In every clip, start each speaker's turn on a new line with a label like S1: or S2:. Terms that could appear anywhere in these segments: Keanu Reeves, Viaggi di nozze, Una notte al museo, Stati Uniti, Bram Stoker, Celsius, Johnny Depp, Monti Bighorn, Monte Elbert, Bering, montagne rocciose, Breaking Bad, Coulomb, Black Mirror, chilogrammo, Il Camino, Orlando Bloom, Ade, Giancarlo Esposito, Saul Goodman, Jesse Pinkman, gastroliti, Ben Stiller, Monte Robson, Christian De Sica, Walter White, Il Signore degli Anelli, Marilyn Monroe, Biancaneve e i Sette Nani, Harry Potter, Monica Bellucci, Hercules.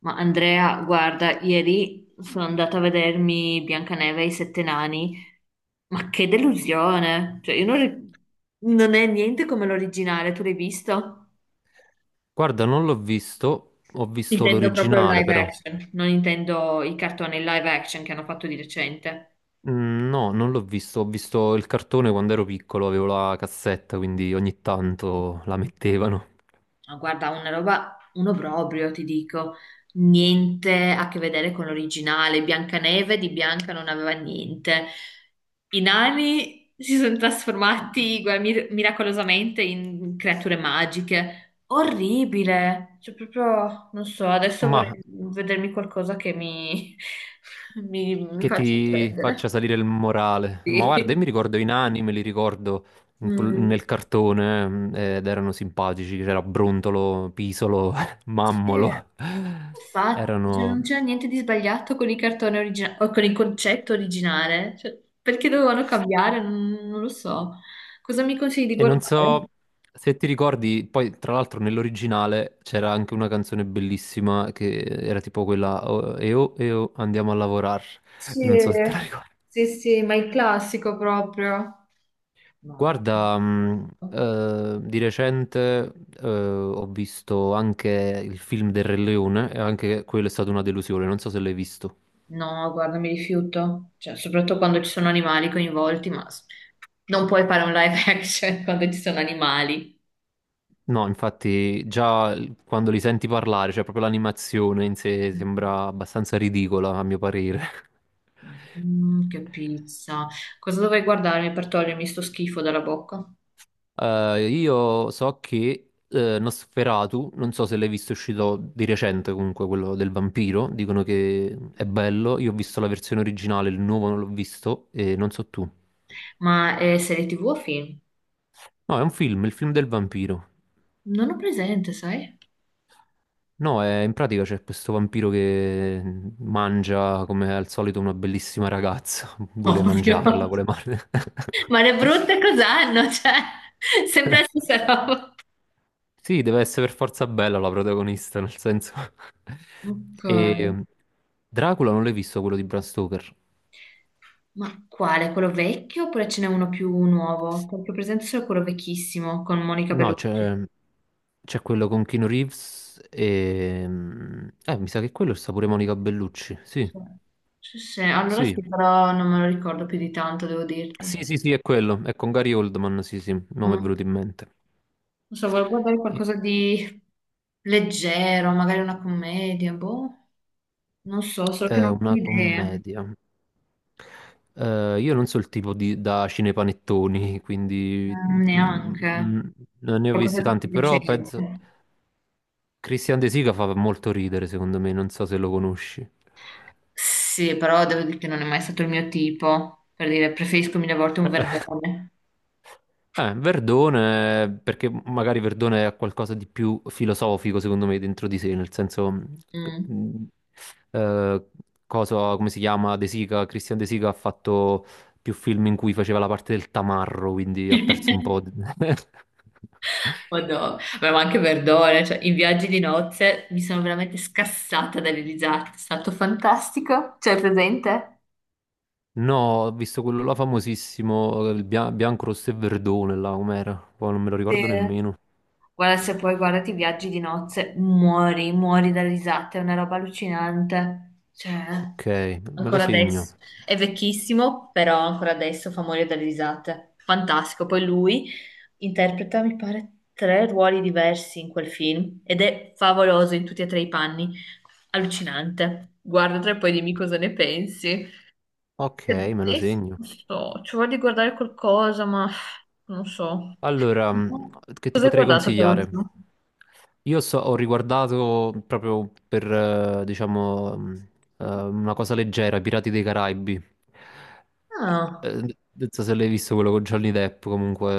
S1: Ma Andrea, guarda, ieri sono andata a vedermi Biancaneve e i Sette Nani, ma che delusione! Cioè, io non, ri- non è niente come l'originale, tu l'hai visto?
S2: Guarda, non l'ho visto, ho visto
S1: Intendo proprio il
S2: l'originale
S1: live
S2: però.
S1: action, non intendo i cartoni live action che hanno fatto di recente.
S2: Mm, no, non l'ho visto, ho visto il cartone quando ero piccolo, avevo la cassetta, quindi ogni tanto la mettevano.
S1: Ma guarda, una roba, uno proprio, ti dico, niente a che vedere con l'originale. Biancaneve di Bianca non aveva niente. I nani si sono trasformati guarda, miracolosamente in creature magiche. Orribile! Cioè, proprio, non so, adesso
S2: Ma
S1: vorrei vedermi qualcosa che mi, mi
S2: che
S1: faccia
S2: ti
S1: prendere.
S2: faccia salire il morale. Ma guarda, io mi
S1: Sì.
S2: ricordo i nani, me li ricordo
S1: Mm,
S2: nel cartone ed erano simpatici, c'era Brontolo, Pisolo,
S1: sì.
S2: Mammolo.
S1: Infatti, cioè,
S2: Erano...
S1: non c'era niente di sbagliato con il cartone originale o con il concetto originale. Cioè, perché dovevano cambiare? Non lo so. Cosa mi consigli di
S2: E non so
S1: guardare?
S2: se ti ricordi, poi tra l'altro nell'originale c'era anche una canzone bellissima che era tipo quella "Oh, e oh, e oh, andiamo a lavorare."
S1: Sì,
S2: Non so se te la ricordi.
S1: sì, sì, ma il classico proprio. Ma-
S2: Guarda, di recente ho visto anche il film del Re Leone e anche quello è stata una delusione, non so se l'hai visto.
S1: No, guarda, mi rifiuto. Cioè, soprattutto quando ci sono animali coinvolti, non puoi fare un live action quando ci sono animali.
S2: No, infatti quando li senti parlare, cioè proprio l'animazione in sé sembra abbastanza ridicola a mio parere.
S1: Che pizza. Cosa dovrei guardarmi per togliermi sto schifo dalla bocca?
S2: Io so che Nosferatu, non so se l'hai visto, è uscito di recente, comunque quello del vampiro, dicono che è bello, io ho visto la versione originale, il nuovo non l'ho visto e non so tu.
S1: Ma è serie TV o film?
S2: No, è un film, il film del vampiro.
S1: Non ho presente, sai?
S2: No, in pratica c'è questo vampiro che mangia come al solito una bellissima ragazza, vuole
S1: Ovvio.
S2: mangiarla, vuole mangiarla.
S1: Ma le brutte cos'hanno? Cioè, sempre la stessa roba.
S2: Sì, deve essere per forza bella la protagonista, nel senso...
S1: Ok.
S2: E Dracula non l'hai visto, quello di Bram Stoker?
S1: Ma quale? Quello vecchio oppure ce n'è uno più nuovo? Perché ho presente solo quello vecchissimo con Monica
S2: No,
S1: Bellucci.
S2: c'è quello con Keanu Reeves e... mi sa che quello sta pure Monica Bellucci, sì,
S1: Sì, sì, sì, allora
S2: sì.
S1: sì, però non me lo ricordo più di tanto, devo dirti.
S2: Sì, sì, sì, è quello, è con Gary Oldman, sì, sì, il nome è
S1: Mm.
S2: venuto in mente.
S1: Non so, volevo guardare
S2: E-
S1: qualcosa di leggero, magari una commedia, boh. Non so, solo che
S2: È
S1: non ho
S2: una
S1: idea.
S2: commedia. Io non so, il tipo di, da cinepanettoni, quindi
S1: Mm,
S2: mm, mm,
S1: neanche.
S2: non ne ho
S1: Qualcosa
S2: visti
S1: di
S2: tanti,
S1: più
S2: però
S1: decente.
S2: penso Christian De Sica fa molto ridere, secondo me, non so se lo conosci.
S1: Sì, però devo dire che non è mai stato il mio tipo. Per dire, preferisco mille volte un verdone.
S2: Verdone, perché magari Verdone ha qualcosa di più filosofico, secondo me, dentro di sé, nel senso,
S1: Mm.
S2: mm, eh, cosa, come si chiama, De Sica, Christian De Sica ha fatto più film in cui faceva la parte del tamarro, quindi ha perso un po'...
S1: Madonna, vabbè, ma anche verdone, cioè, in viaggi di nozze mi sono veramente scassata dalle risate, è stato fantastico. Cioè, presente?
S2: No, ho visto quello là famosissimo, il bianco, rosso e verdone, là, com'era? Poi non me lo
S1: Sì.
S2: ricordo nemmeno.
S1: Guarda, se poi guardati i viaggi di nozze, muori, muori da risate, è una roba allucinante. Cioè,
S2: Ok, me lo
S1: ancora
S2: segno.
S1: adesso. È vecchissimo, però ancora adesso fa morire dalle risate. Fantastico. Poi lui interpreta, mi pare, tre ruoli diversi in quel film ed è favoloso in tutti e tre i panni. Allucinante. Guardatelo e poi dimmi cosa ne pensi.
S2: Ok, me lo
S1: Adesso,
S2: segno.
S1: non so, ci voglio guardare qualcosa, ma non so.
S2: Allora, che ti
S1: Cosa hai
S2: potrei
S1: guardato per
S2: consigliare?
S1: ultimo?
S2: Io ho riguardato proprio per, diciamo, una cosa leggera, i Pirati dei Caraibi.
S1: Ah,
S2: Non so se l'hai visto, quello con Johnny Depp, comunque,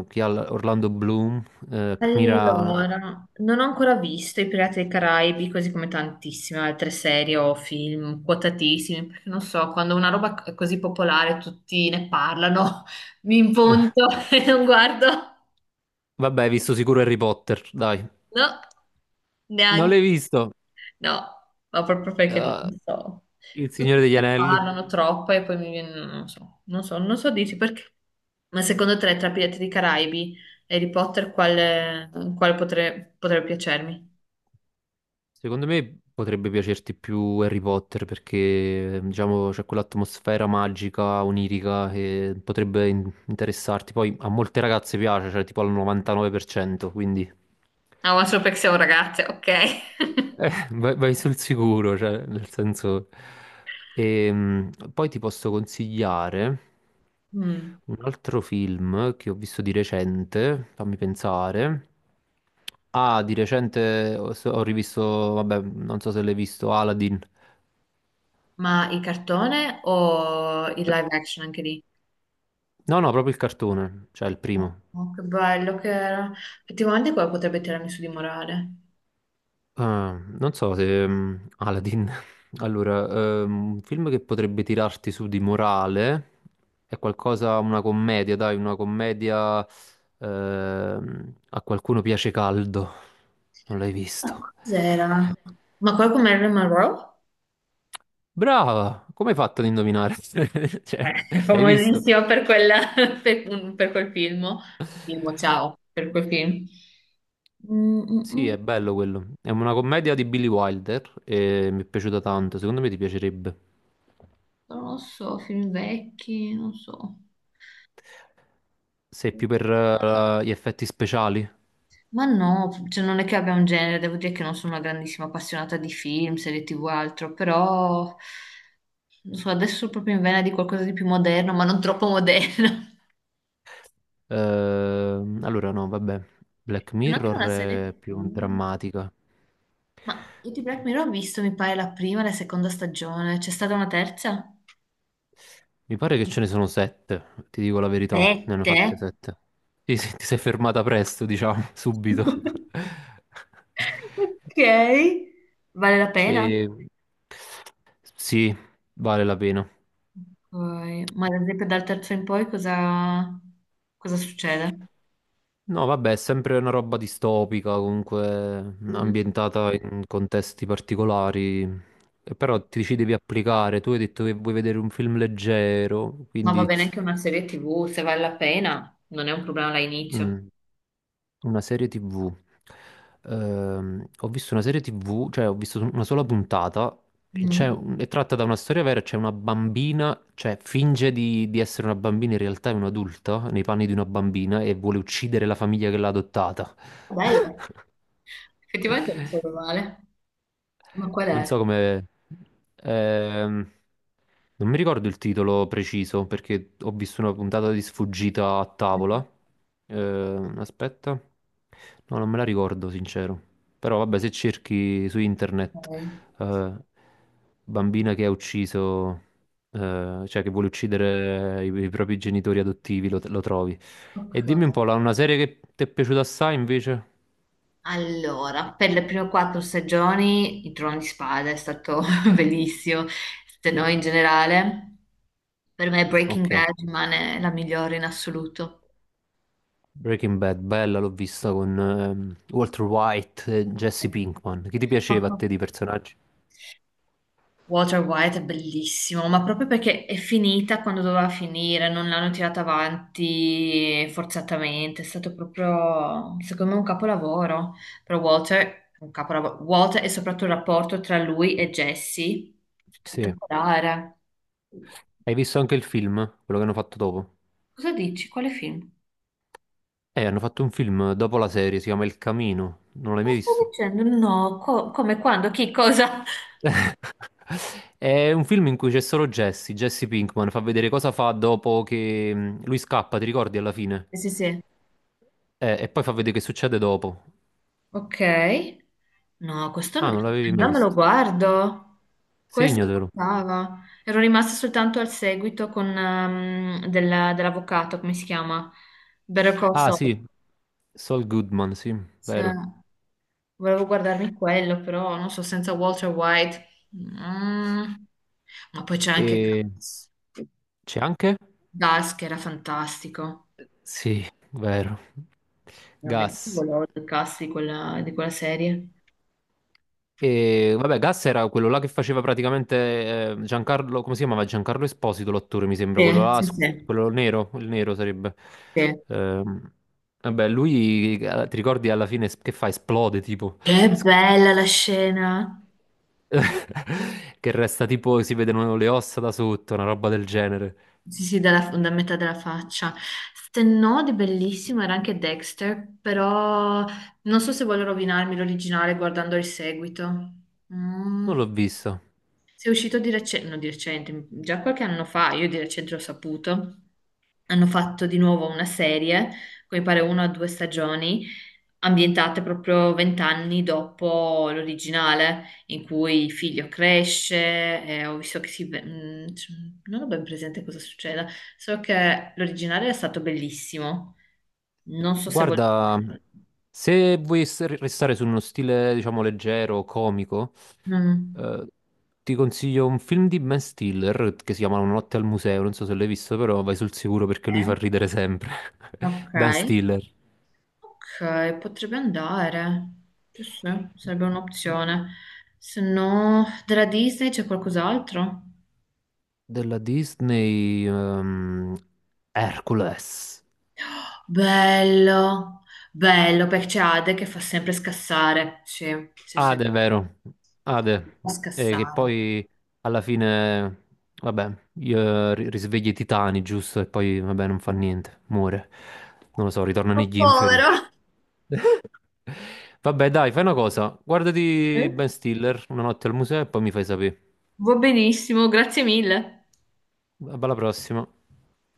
S2: Orlando Bloom, Kira...
S1: allora, non ho ancora visto I Pirati dei Caraibi, così come tantissime altre serie o film quotatissimi, perché non so, quando una roba è così popolare tutti ne parlano, mi impunto e non guardo.
S2: Vabbè, hai visto sicuro Harry Potter, dai.
S1: No,
S2: Non l'hai
S1: neanche.
S2: visto?
S1: No, ma proprio perché
S2: Ah,
S1: non so.
S2: Il
S1: Tutti
S2: Signore degli
S1: ne
S2: Anelli?
S1: parlano troppo e poi mi viene, non so dirti perché. Ma secondo te, tra Pirati dei Caraibi e Harry Potter, potrebbe piacermi?
S2: Secondo me potrebbe piacerti più Harry Potter perché, diciamo, c'è quell'atmosfera magica, onirica che potrebbe interessarti. Poi a molte ragazze piace, cioè tipo al 99%, quindi...
S1: Ah, ma solo perché siamo ragazze, ok.
S2: Vai, vai sul sicuro, cioè, nel senso... poi ti posso consigliare
S1: Mm.
S2: un altro film che ho visto di recente, fammi pensare. Ah, di recente ho rivisto, vabbè, non so se l'hai visto, Aladdin.
S1: Ma il cartone o il live action anche lì?
S2: No, no, proprio il cartone, cioè il primo.
S1: Oh, che bello che era. Effettivamente quello potrebbe tirarmi su di morale.
S2: Ah, non so se Aladdin. Allora, un film che potrebbe tirarti su di morale è qualcosa, una commedia, dai, una commedia A qualcuno piace caldo. Non l'hai
S1: Ma
S2: visto?
S1: cos'era? Ma quello con Marilyn Monroe?
S2: Brava! Come hai fatto ad indovinare?
S1: Beh,
S2: Cioè,
S1: è
S2: l'hai visto?
S1: famosissima per quella, per quel film. Film, ciao, per quel film. Mm, mm,
S2: Sì,
S1: mm,
S2: è bello quello. È una commedia di Billy Wilder e mi è piaciuta tanto. Secondo me ti piacerebbe.
S1: non lo so, film vecchi, non so.
S2: Sei più per gli effetti speciali?
S1: Ma no, cioè non è che abbia un genere, devo dire che non sono una grandissima appassionata di film, serie TV o altro, però non so, adesso sono proprio in vena di qualcosa di più moderno, ma non troppo moderno.
S2: Allora, no, vabbè. Black
S1: Se no anche
S2: Mirror
S1: una serie
S2: è più
S1: TV.
S2: drammatica.
S1: Ma io di Black Mirror ho visto, mi pare, la prima e la seconda stagione. C'è stata una terza?
S2: Mi pare che ce ne sono sette, ti dico la verità, ne hanno
S1: Sette?
S2: fatte sette. Sì, sì, ti sei fermata presto, diciamo, subito.
S1: Ok, vale la pena?
S2: E... Sì, vale la pena.
S1: Ok, ma ad esempio dal terzo in poi cosa succede?
S2: No, vabbè, è sempre una roba distopica, comunque
S1: Mm.
S2: ambientata in contesti particolari. E però ti ci devi applicare. Tu hai detto che vuoi vedere un film leggero,
S1: Ma va
S2: quindi
S1: bene anche una serie TV, se vale la pena, non è un problema all'inizio.
S2: mm, una serie TV. Ho visto una serie TV, cioè ho visto una sola puntata.
S1: Mm.
S2: È tratta da una storia vera, c'è una bambina, cioè finge di essere una bambina, in realtà è un'adulta nei panni di una bambina e vuole uccidere la famiglia che l'ha adottata.
S1: Bello, effettivamente non so male. Ma qual
S2: Non
S1: è?
S2: so come... ehm, non mi ricordo il titolo preciso perché ho visto una puntata di sfuggita a
S1: Mm.
S2: tavola. Aspetta. No, non me la ricordo, sincero. Però vabbè, se cerchi su internet
S1: Ok.
S2: eh, bambina che ha ucciso, cioè che vuole uccidere i propri genitori adottivi, lo trovi. E
S1: Ok.
S2: dimmi un po', una serie che ti è piaciuta assai invece?
S1: Allora, per le prime quattro stagioni il Trono di Spada è stato bellissimo, se no in generale, per me Breaking
S2: Ok.
S1: Bad rimane la migliore in assoluto.
S2: Breaking Bad, bella, l'ho vista con Walter White e Jesse
S1: Eh.
S2: Pinkman. Chi ti piaceva a te di personaggi?
S1: Walter White è bellissimo, ma proprio perché è finita quando doveva finire, non l'hanno tirata avanti forzatamente, è stato proprio, secondo me, un capolavoro. Però Walter, un capolavoro, Walter e soprattutto il rapporto tra lui e Jesse,
S2: Sì.
S1: spettacolare.
S2: Hai visto anche il film, quello che hanno fatto dopo?
S1: Cosa dici? Quale film?
S2: Hanno fatto un film dopo la serie, si chiama Il Camino. Non l'hai mai
S1: Cosa stai
S2: visto?
S1: dicendo? No, come quando? Chi? Cosa?
S2: È un film in cui c'è solo Jesse, Jesse Pinkman, fa vedere cosa fa dopo che lui scappa, ti ricordi alla fine?
S1: Sì, sì, sì.
S2: E poi fa vedere che succede dopo.
S1: Ok. No,
S2: Ah, non l'avevi mai
S1: allora me lo
S2: visto.
S1: guardo. Questo mi
S2: Segnatelo.
S1: mancava. Ero rimasta soltanto al seguito con, dell'avvocato, come si chiama? Better Call
S2: Ah,
S1: Saul.
S2: sì. Saul Goodman, sì,
S1: Cioè,
S2: vero.
S1: volevo guardarmi quello, però non so, senza Walter White. Mm. Ma poi c'è anche
S2: E...
S1: Gus.
S2: C'è anche?
S1: Gus che era fantastico.
S2: Sì, vero.
S1: Veramente
S2: Gas.
S1: volevo il cast di quella serie.
S2: E vabbè, Gas era quello là che faceva praticamente Giancarlo, come si chiamava? Giancarlo Esposito, l'attore, mi sembra, quello
S1: Sì,
S2: là,
S1: sì, sì,
S2: quello nero, il nero sarebbe.
S1: sì.
S2: Ehm, vabbè, lui, ti ricordi alla fine che fa? Esplode, tipo.
S1: Che
S2: S-
S1: bella la scena.
S2: Che resta tipo, si vedono le ossa da sotto, una roba del genere.
S1: Sì, sì, da metà della faccia. Se no, di bellissimo era anche Dexter, però non so se voglio rovinarmi l'originale guardando il seguito. Mm.
S2: Non l'ho visto.
S1: Se è uscito di recente, no, di recente, già qualche anno fa, io di recente l'ho saputo hanno fatto di nuovo una serie, come pare una o due stagioni, ambientate proprio vent'anni dopo l'originale, in cui il figlio cresce, e ho visto che non ho ben presente cosa succeda, so che l'originale è stato bellissimo, non so se volete...
S2: Guarda, se vuoi restare su uno stile, diciamo, leggero, comico,
S1: Mm.
S2: eh, ti consiglio un film di Ben Stiller che si chiama Una notte al museo, non so se l'hai visto, però vai sul sicuro perché lui
S1: Eh?
S2: fa ridere sempre.
S1: Ok,
S2: Ben Stiller.
S1: ok, potrebbe andare, sì, sì, sarebbe un'opzione. Se no, della Disney c'è qualcos'altro?
S2: Della Disney, Hercules.
S1: Bello, bello, perché c'è Ade che fa sempre scassare. Sì, sì, sì,
S2: Ade, vero? Ade,
S1: fa
S2: che
S1: scassare.
S2: poi alla fine, vabbè, io risveglia i titani, giusto? E poi, vabbè, non fa niente, muore. Non lo so, ritorna
S1: Oh,
S2: negli inferi.
S1: povero.
S2: Vabbè, dai, fai una cosa. Guardati
S1: Eh?
S2: Ben Stiller, una notte al museo, e poi mi fai sapere.
S1: Va benissimo, grazie mille.
S2: Alla prossima.